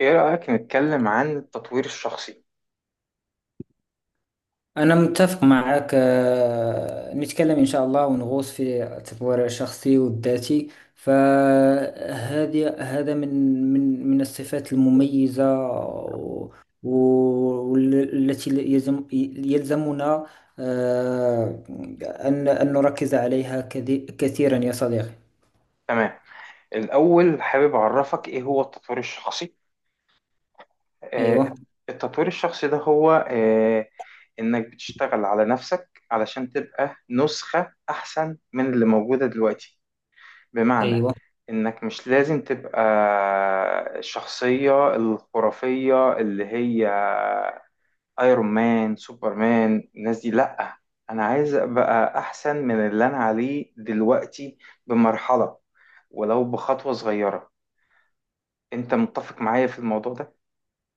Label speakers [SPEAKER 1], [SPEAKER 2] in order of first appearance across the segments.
[SPEAKER 1] ايه رأيك نتكلم عن التطوير الشخصي؟
[SPEAKER 2] أنا متفق معك نتكلم إن شاء الله ونغوص في التطوير الشخصي والذاتي. فهذه هذا من الصفات المميزة والتي يلزمنا آه، أن نركز عليها كثيرا يا صديقي.
[SPEAKER 1] تمام. الأول حابب أعرفك ايه هو التطوير الشخصي. آه،
[SPEAKER 2] أيوة.
[SPEAKER 1] التطوير الشخصي ده هو إنك بتشتغل على نفسك علشان تبقى نسخة أحسن من اللي موجودة دلوقتي. بمعنى
[SPEAKER 2] أيوة،
[SPEAKER 1] إنك مش لازم تبقى الشخصية الخرافية اللي هي ايرون مان سوبرمان. الناس دي لا، انا عايز ابقى احسن من اللي انا عليه دلوقتي بمرحلة، ولو بخطوة صغيرة. انت متفق معايا في الموضوع ده؟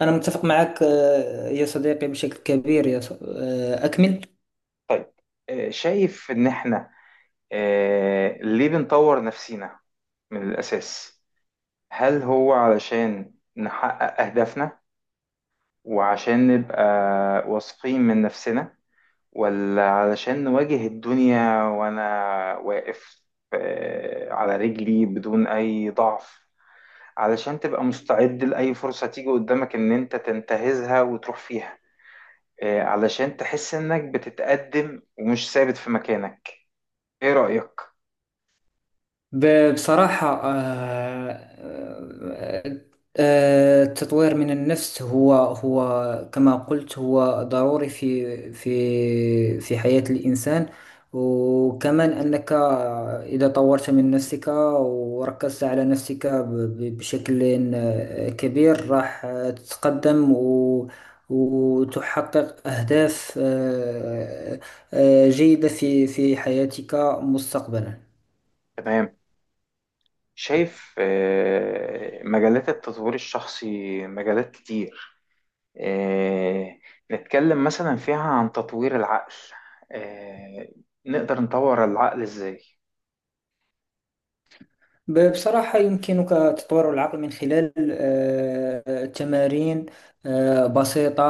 [SPEAKER 2] أنا متفق معك يا صديقي بشكل كبير، يا ص- آه، أكمل.
[SPEAKER 1] طيب. شايف ان احنا، ليه بنطور نفسينا من الاساس؟ هل هو علشان نحقق اهدافنا، وعشان نبقى واثقين من نفسنا، ولا علشان نواجه الدنيا وأنا واقف على رجلي بدون أي ضعف؟ علشان تبقى مستعد لأي فرصة تيجي قدامك إن أنت تنتهزها وتروح فيها. علشان تحس إنك بتتقدم ومش ثابت في مكانك. إيه رأيك؟
[SPEAKER 2] بصراحة، التطوير من النفس هو كما قلت، هو ضروري في حياة الإنسان. وكمان أنك إذا طورت من نفسك وركزت على نفسك بشكل كبير، راح تتقدم و وتحقق أهداف جيدة في حياتك مستقبلا.
[SPEAKER 1] تمام. شايف مجالات التطوير الشخصي مجالات كتير. آه، نتكلم مثلا فيها عن تطوير العقل. آه، نقدر نطور العقل إزاي؟
[SPEAKER 2] بصراحة، يمكنك تطوير العقل من خلال تمارين بسيطة،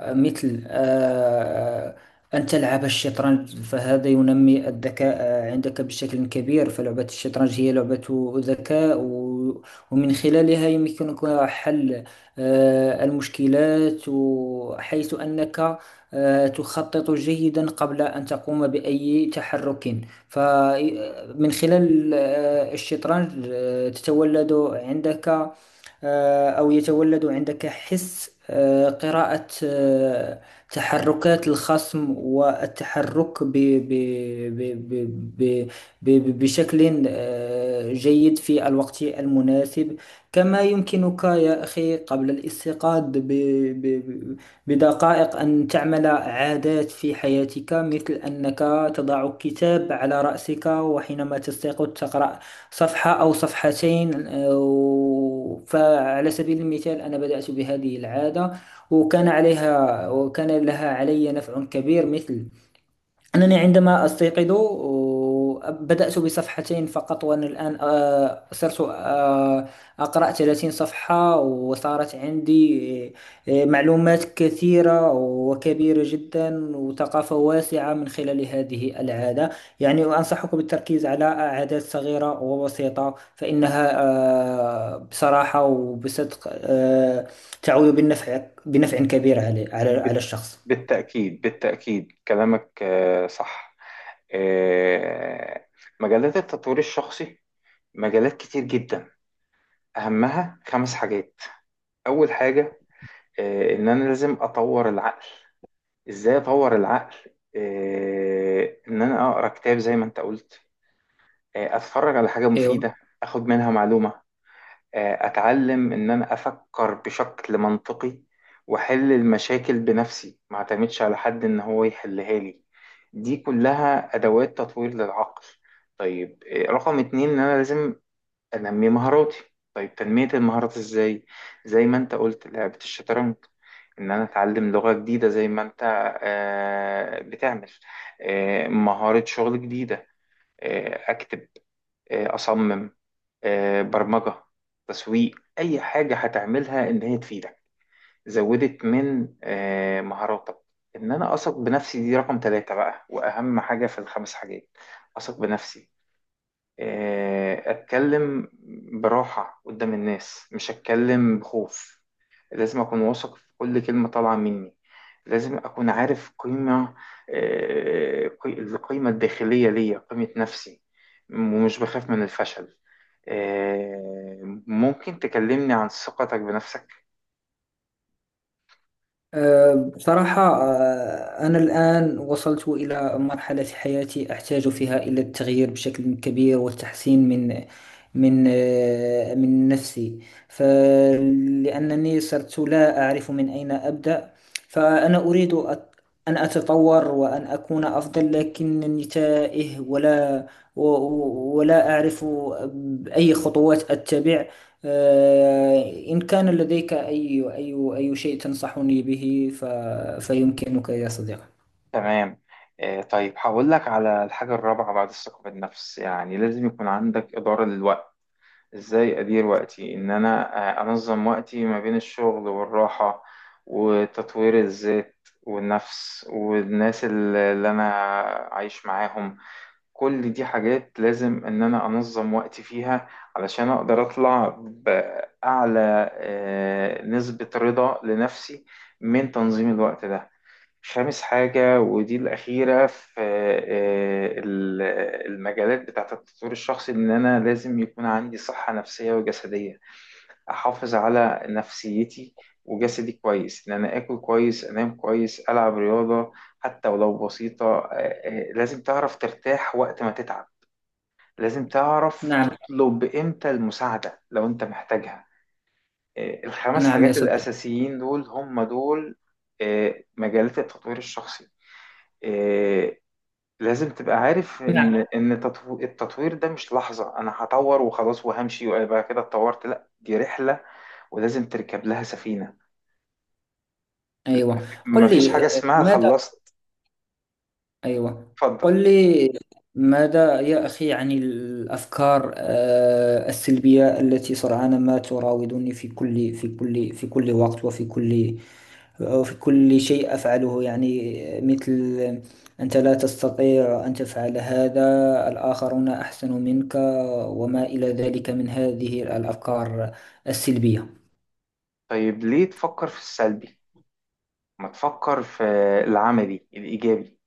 [SPEAKER 2] مثل أن تلعب الشطرنج، فهذا ينمي الذكاء عندك بشكل كبير. فلعبة الشطرنج هي لعبة ذكاء، ومن خلالها يمكنك حل المشكلات، حيث أنك تخطط جيدا قبل أن تقوم بأي تحرك. فمن خلال الشطرنج تتولد عندك، أو يتولد عندك حس قراءة تحركات الخصم، والتحرك ب ب ب بشكل جيد في الوقت المناسب. كما يمكنك يا أخي قبل الاستيقاظ ب- بدقائق أن تعمل عادات في حياتك، مثل أنك تضع كتاب على رأسك، وحينما تستيقظ تقرأ صفحة أو صفحتين. فعلى سبيل المثال، أنا بدأت بهذه العادة، وكان عليها، وكان لها علي نفع كبير. مثل أنني عندما أستيقظ بدأت بصفحتين فقط، وأنا الآن صرت أقرأ 30 صفحة، وصارت عندي معلومات كثيرة وكبيرة جدا وثقافة واسعة من خلال هذه العادة. يعني أنصحك بالتركيز على عادات صغيرة وبسيطة، فإنها بصراحة وبصدق تعود بالنفع، بنفع كبير على على
[SPEAKER 1] بت-
[SPEAKER 2] الشخص.
[SPEAKER 1] بالتأكيد بالتأكيد كلامك صح. آه، مجالات التطوير الشخصي مجالات كتير جدا. أهمها 5 حاجات. أول حاجة، إن أنا لازم أطور العقل. إزاي أطور العقل؟ إن أنا أقرأ كتاب زي ما أنت قلت، أتفرج على حاجة مفيدة، أخد منها معلومة، اتعلم ان انا افكر بشكل منطقي واحل المشاكل بنفسي، ما اعتمدش على حد ان هو يحلها لي. دي كلها ادوات تطوير للعقل. طيب، رقم 2 ان انا لازم انمي مهاراتي. طيب، تنمية المهارات ازاي؟ زي ما انت قلت لعبة الشطرنج، ان انا اتعلم لغة جديدة زي ما انت بتعمل، مهارة شغل جديدة، اكتب، اصمم، برمجة، تسويق. أي حاجة هتعملها إن هي تفيدك، زودت من مهاراتك. إن أنا أثق بنفسي دي رقم 3 بقى، وأهم حاجة في الخمس حاجات. أثق بنفسي، اتكلم براحة قدام الناس، مش اتكلم بخوف. لازم اكون واثق في كل كلمة طالعة مني. لازم اكون عارف قيمة، القيمة الداخلية ليا، قيمة نفسي، ومش بخاف من الفشل. ممكن تكلمني عن ثقتك بنفسك؟
[SPEAKER 2] بصراحة، أنا الآن وصلت إلى مرحلة في حياتي أحتاج فيها إلى التغيير بشكل كبير والتحسين من نفسي، فلأنني صرت لا أعرف من أين أبدأ. فأنا أريد أن أتطور وأن أكون أفضل، لكنني تائه، ولا أعرف أي خطوات أتبع. إن كان لديك أي شيء تنصحني به فيمكنك يا صديقي.
[SPEAKER 1] تمام. طيب هقول لك على الحاجة الرابعة بعد الثقة بالنفس. يعني لازم يكون عندك إدارة للوقت. ازاي ادير وقتي؟ ان انا انظم وقتي ما بين الشغل والراحة وتطوير الذات والنفس والناس اللي انا عايش معاهم. كل دي حاجات لازم ان انا انظم وقتي فيها علشان اقدر اطلع باعلى نسبة رضا لنفسي من تنظيم الوقت ده. خامس حاجة ودي الأخيرة في المجالات بتاعة التطوير الشخصي، إن أنا لازم يكون عندي صحة نفسية وجسدية. أحافظ على نفسيتي وجسدي كويس، إن أنا آكل كويس، أنام كويس، ألعب رياضة حتى ولو بسيطة. لازم تعرف ترتاح وقت ما تتعب. لازم تعرف
[SPEAKER 2] نعم.
[SPEAKER 1] تطلب إمتى المساعدة لو أنت محتاجها. الخمس
[SPEAKER 2] نعم يا
[SPEAKER 1] حاجات
[SPEAKER 2] صديقي.
[SPEAKER 1] الأساسيين دول هم دول مجالات التطوير الشخصي. آه، لازم تبقى عارف
[SPEAKER 2] نعم.
[SPEAKER 1] ان التطوير ده مش لحظة انا هطور وخلاص وهمشي ويبقى كده اتطورت. لا، دي رحلة ولازم تركب لها سفينة.
[SPEAKER 2] أيوة، قل
[SPEAKER 1] مفيش
[SPEAKER 2] لي
[SPEAKER 1] حاجة اسمها
[SPEAKER 2] ماذا.
[SPEAKER 1] خلصت.
[SPEAKER 2] أيوة،
[SPEAKER 1] اتفضل.
[SPEAKER 2] قل لي ماذا يا أخي عن الأفكار السلبية التي سرعان ما تراودني في كل وقت، وفي كل شيء أفعله، يعني مثل: أنت لا تستطيع أن تفعل هذا، الآخرون أحسن منك، وما إلى ذلك من هذه الأفكار السلبية.
[SPEAKER 1] طيب، ليه تفكر في السلبي؟ ما تفكر في العملي الايجابي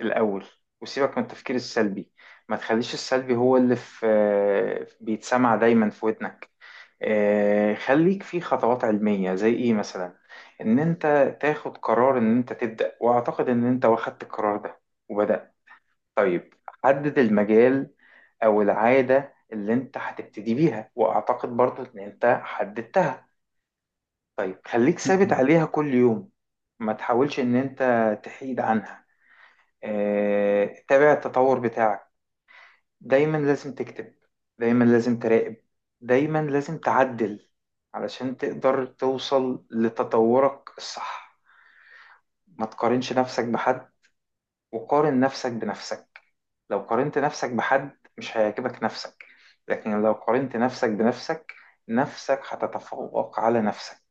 [SPEAKER 1] الأول، وسيبك من التفكير السلبي. ما تخليش السلبي هو اللي في بيتسمع دايما في ودنك. خليك في خطوات علمية. زي إيه مثلا؟ إن أنت تاخد قرار إن أنت تبدأ، وأعتقد إن أنت واخدت القرار ده وبدأت. طيب، حدد المجال أو العادة اللي أنت هتبتدي بيها، وأعتقد برضو إن أنت حددتها. طيب خليك ثابت عليها كل يوم. ما تحاولش إن أنت تحيد عنها. تابع التطور بتاعك. دايما لازم تكتب، دايما لازم تراقب، دايما لازم تعدل علشان تقدر توصل لتطورك الصح. ما تقارنش نفسك بحد، وقارن نفسك بنفسك. لو قارنت نفسك بحد مش هيعجبك نفسك، لكن لو قارنت نفسك بنفسك نفسك هتتفوق على نفسك.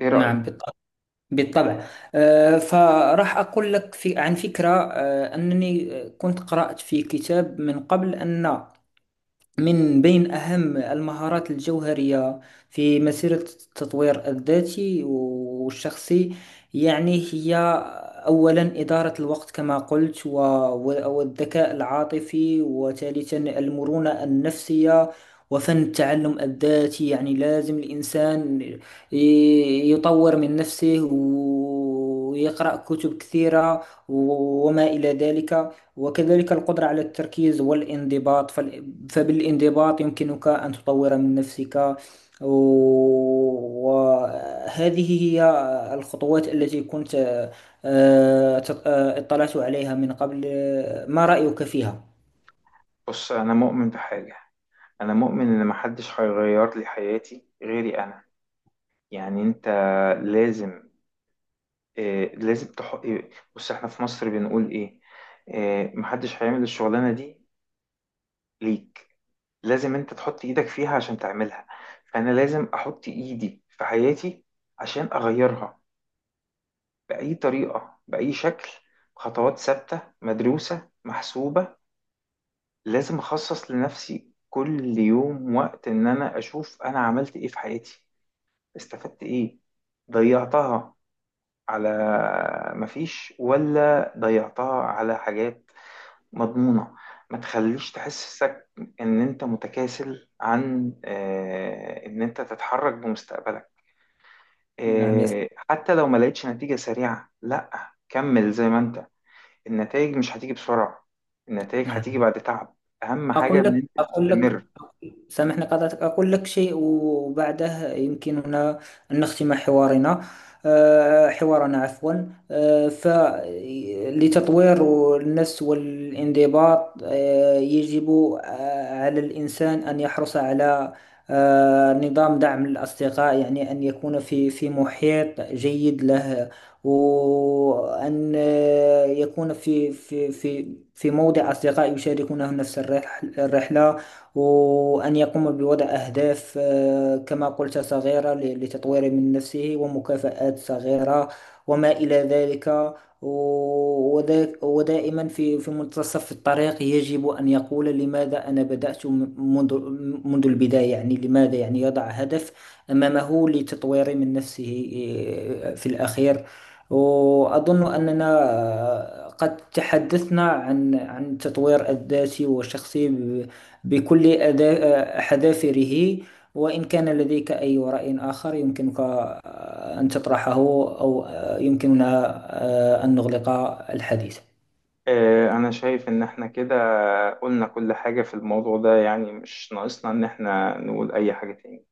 [SPEAKER 1] ايه
[SPEAKER 2] نعم
[SPEAKER 1] رأيك؟
[SPEAKER 2] بالطبع، بالطبع. فراح أقول لك في عن فكرة، أنني كنت قرأت في كتاب من قبل أن من بين أهم المهارات الجوهرية في مسيرة التطوير الذاتي والشخصي، يعني، هي أولا إدارة الوقت كما قلت، والذكاء العاطفي، وثالثا المرونة النفسية وفن التعلم الذاتي. يعني لازم الإنسان يطور من نفسه ويقرأ كتب كثيرة وما إلى ذلك. وكذلك القدرة على التركيز والانضباط، فبالانضباط يمكنك أن تطور من نفسك. وهذه هي الخطوات التي كنت اطلعت عليها من قبل. ما رأيك فيها؟
[SPEAKER 1] بص، انا مؤمن بحاجة. انا مؤمن ان محدش هيغير لي حياتي غيري انا. يعني انت لازم آه، لازم تح... آه، بص احنا في مصر بنقول ايه؟ محدش هيعمل الشغلانة دي ليك. لازم انت تحط ايدك فيها عشان تعملها. فانا لازم احط ايدي في حياتي عشان اغيرها بأي طريقة، بأي شكل. خطوات ثابتة مدروسة محسوبة. لازم اخصص لنفسي كل يوم وقت ان انا اشوف انا عملت ايه في حياتي، استفدت ايه، ضيعتها على مفيش، ولا ضيعتها على حاجات مضمونة. ما تخليش تحسسك إن أنت متكاسل عن إن أنت تتحرك بمستقبلك.
[SPEAKER 2] نعم يا صاحبي.
[SPEAKER 1] حتى لو ما لقيتش نتيجة سريعة، لأ كمل زي ما أنت. النتائج مش هتيجي بسرعة، النتائج هتيجي
[SPEAKER 2] نعم.
[SPEAKER 1] بعد تعب. أهم حاجة
[SPEAKER 2] أقول
[SPEAKER 1] إن
[SPEAKER 2] لك
[SPEAKER 1] أنت
[SPEAKER 2] أقول لك
[SPEAKER 1] تستمر.
[SPEAKER 2] سامحني قطعتك، أقول لك شيء وبعده يمكننا أن نختم حوارنا، حوارنا، عفوا. فلتطوير النفس والانضباط يجب على الإنسان أن يحرص على نظام دعم الأصدقاء، يعني أن يكون في محيط جيد له، وأن يكون في موضع أصدقاء يشاركونه نفس الرحلة، وأن يقوم بوضع أهداف كما قلت صغيرة لتطوير من نفسه، ومكافآت صغيرة وما إلى ذلك. و- ودا- ودائما في في منتصف الطريق يجب أن يقول لماذا أنا بدأت منذ البداية. يعني لماذا، يعني يضع هدف أمامه لتطوير من نفسه. في الأخير، وأظن أننا قد تحدثنا عن التطوير الذاتي والشخصي بكل حذافره، وإن كان لديك أي رأي آخر يمكنك أن تطرحه، أو يمكننا أن نغلق الحديث.
[SPEAKER 1] أنا شايف إن إحنا كده قلنا كل حاجة في الموضوع ده، يعني مش ناقصنا إن إحنا نقول أي حاجة تاني.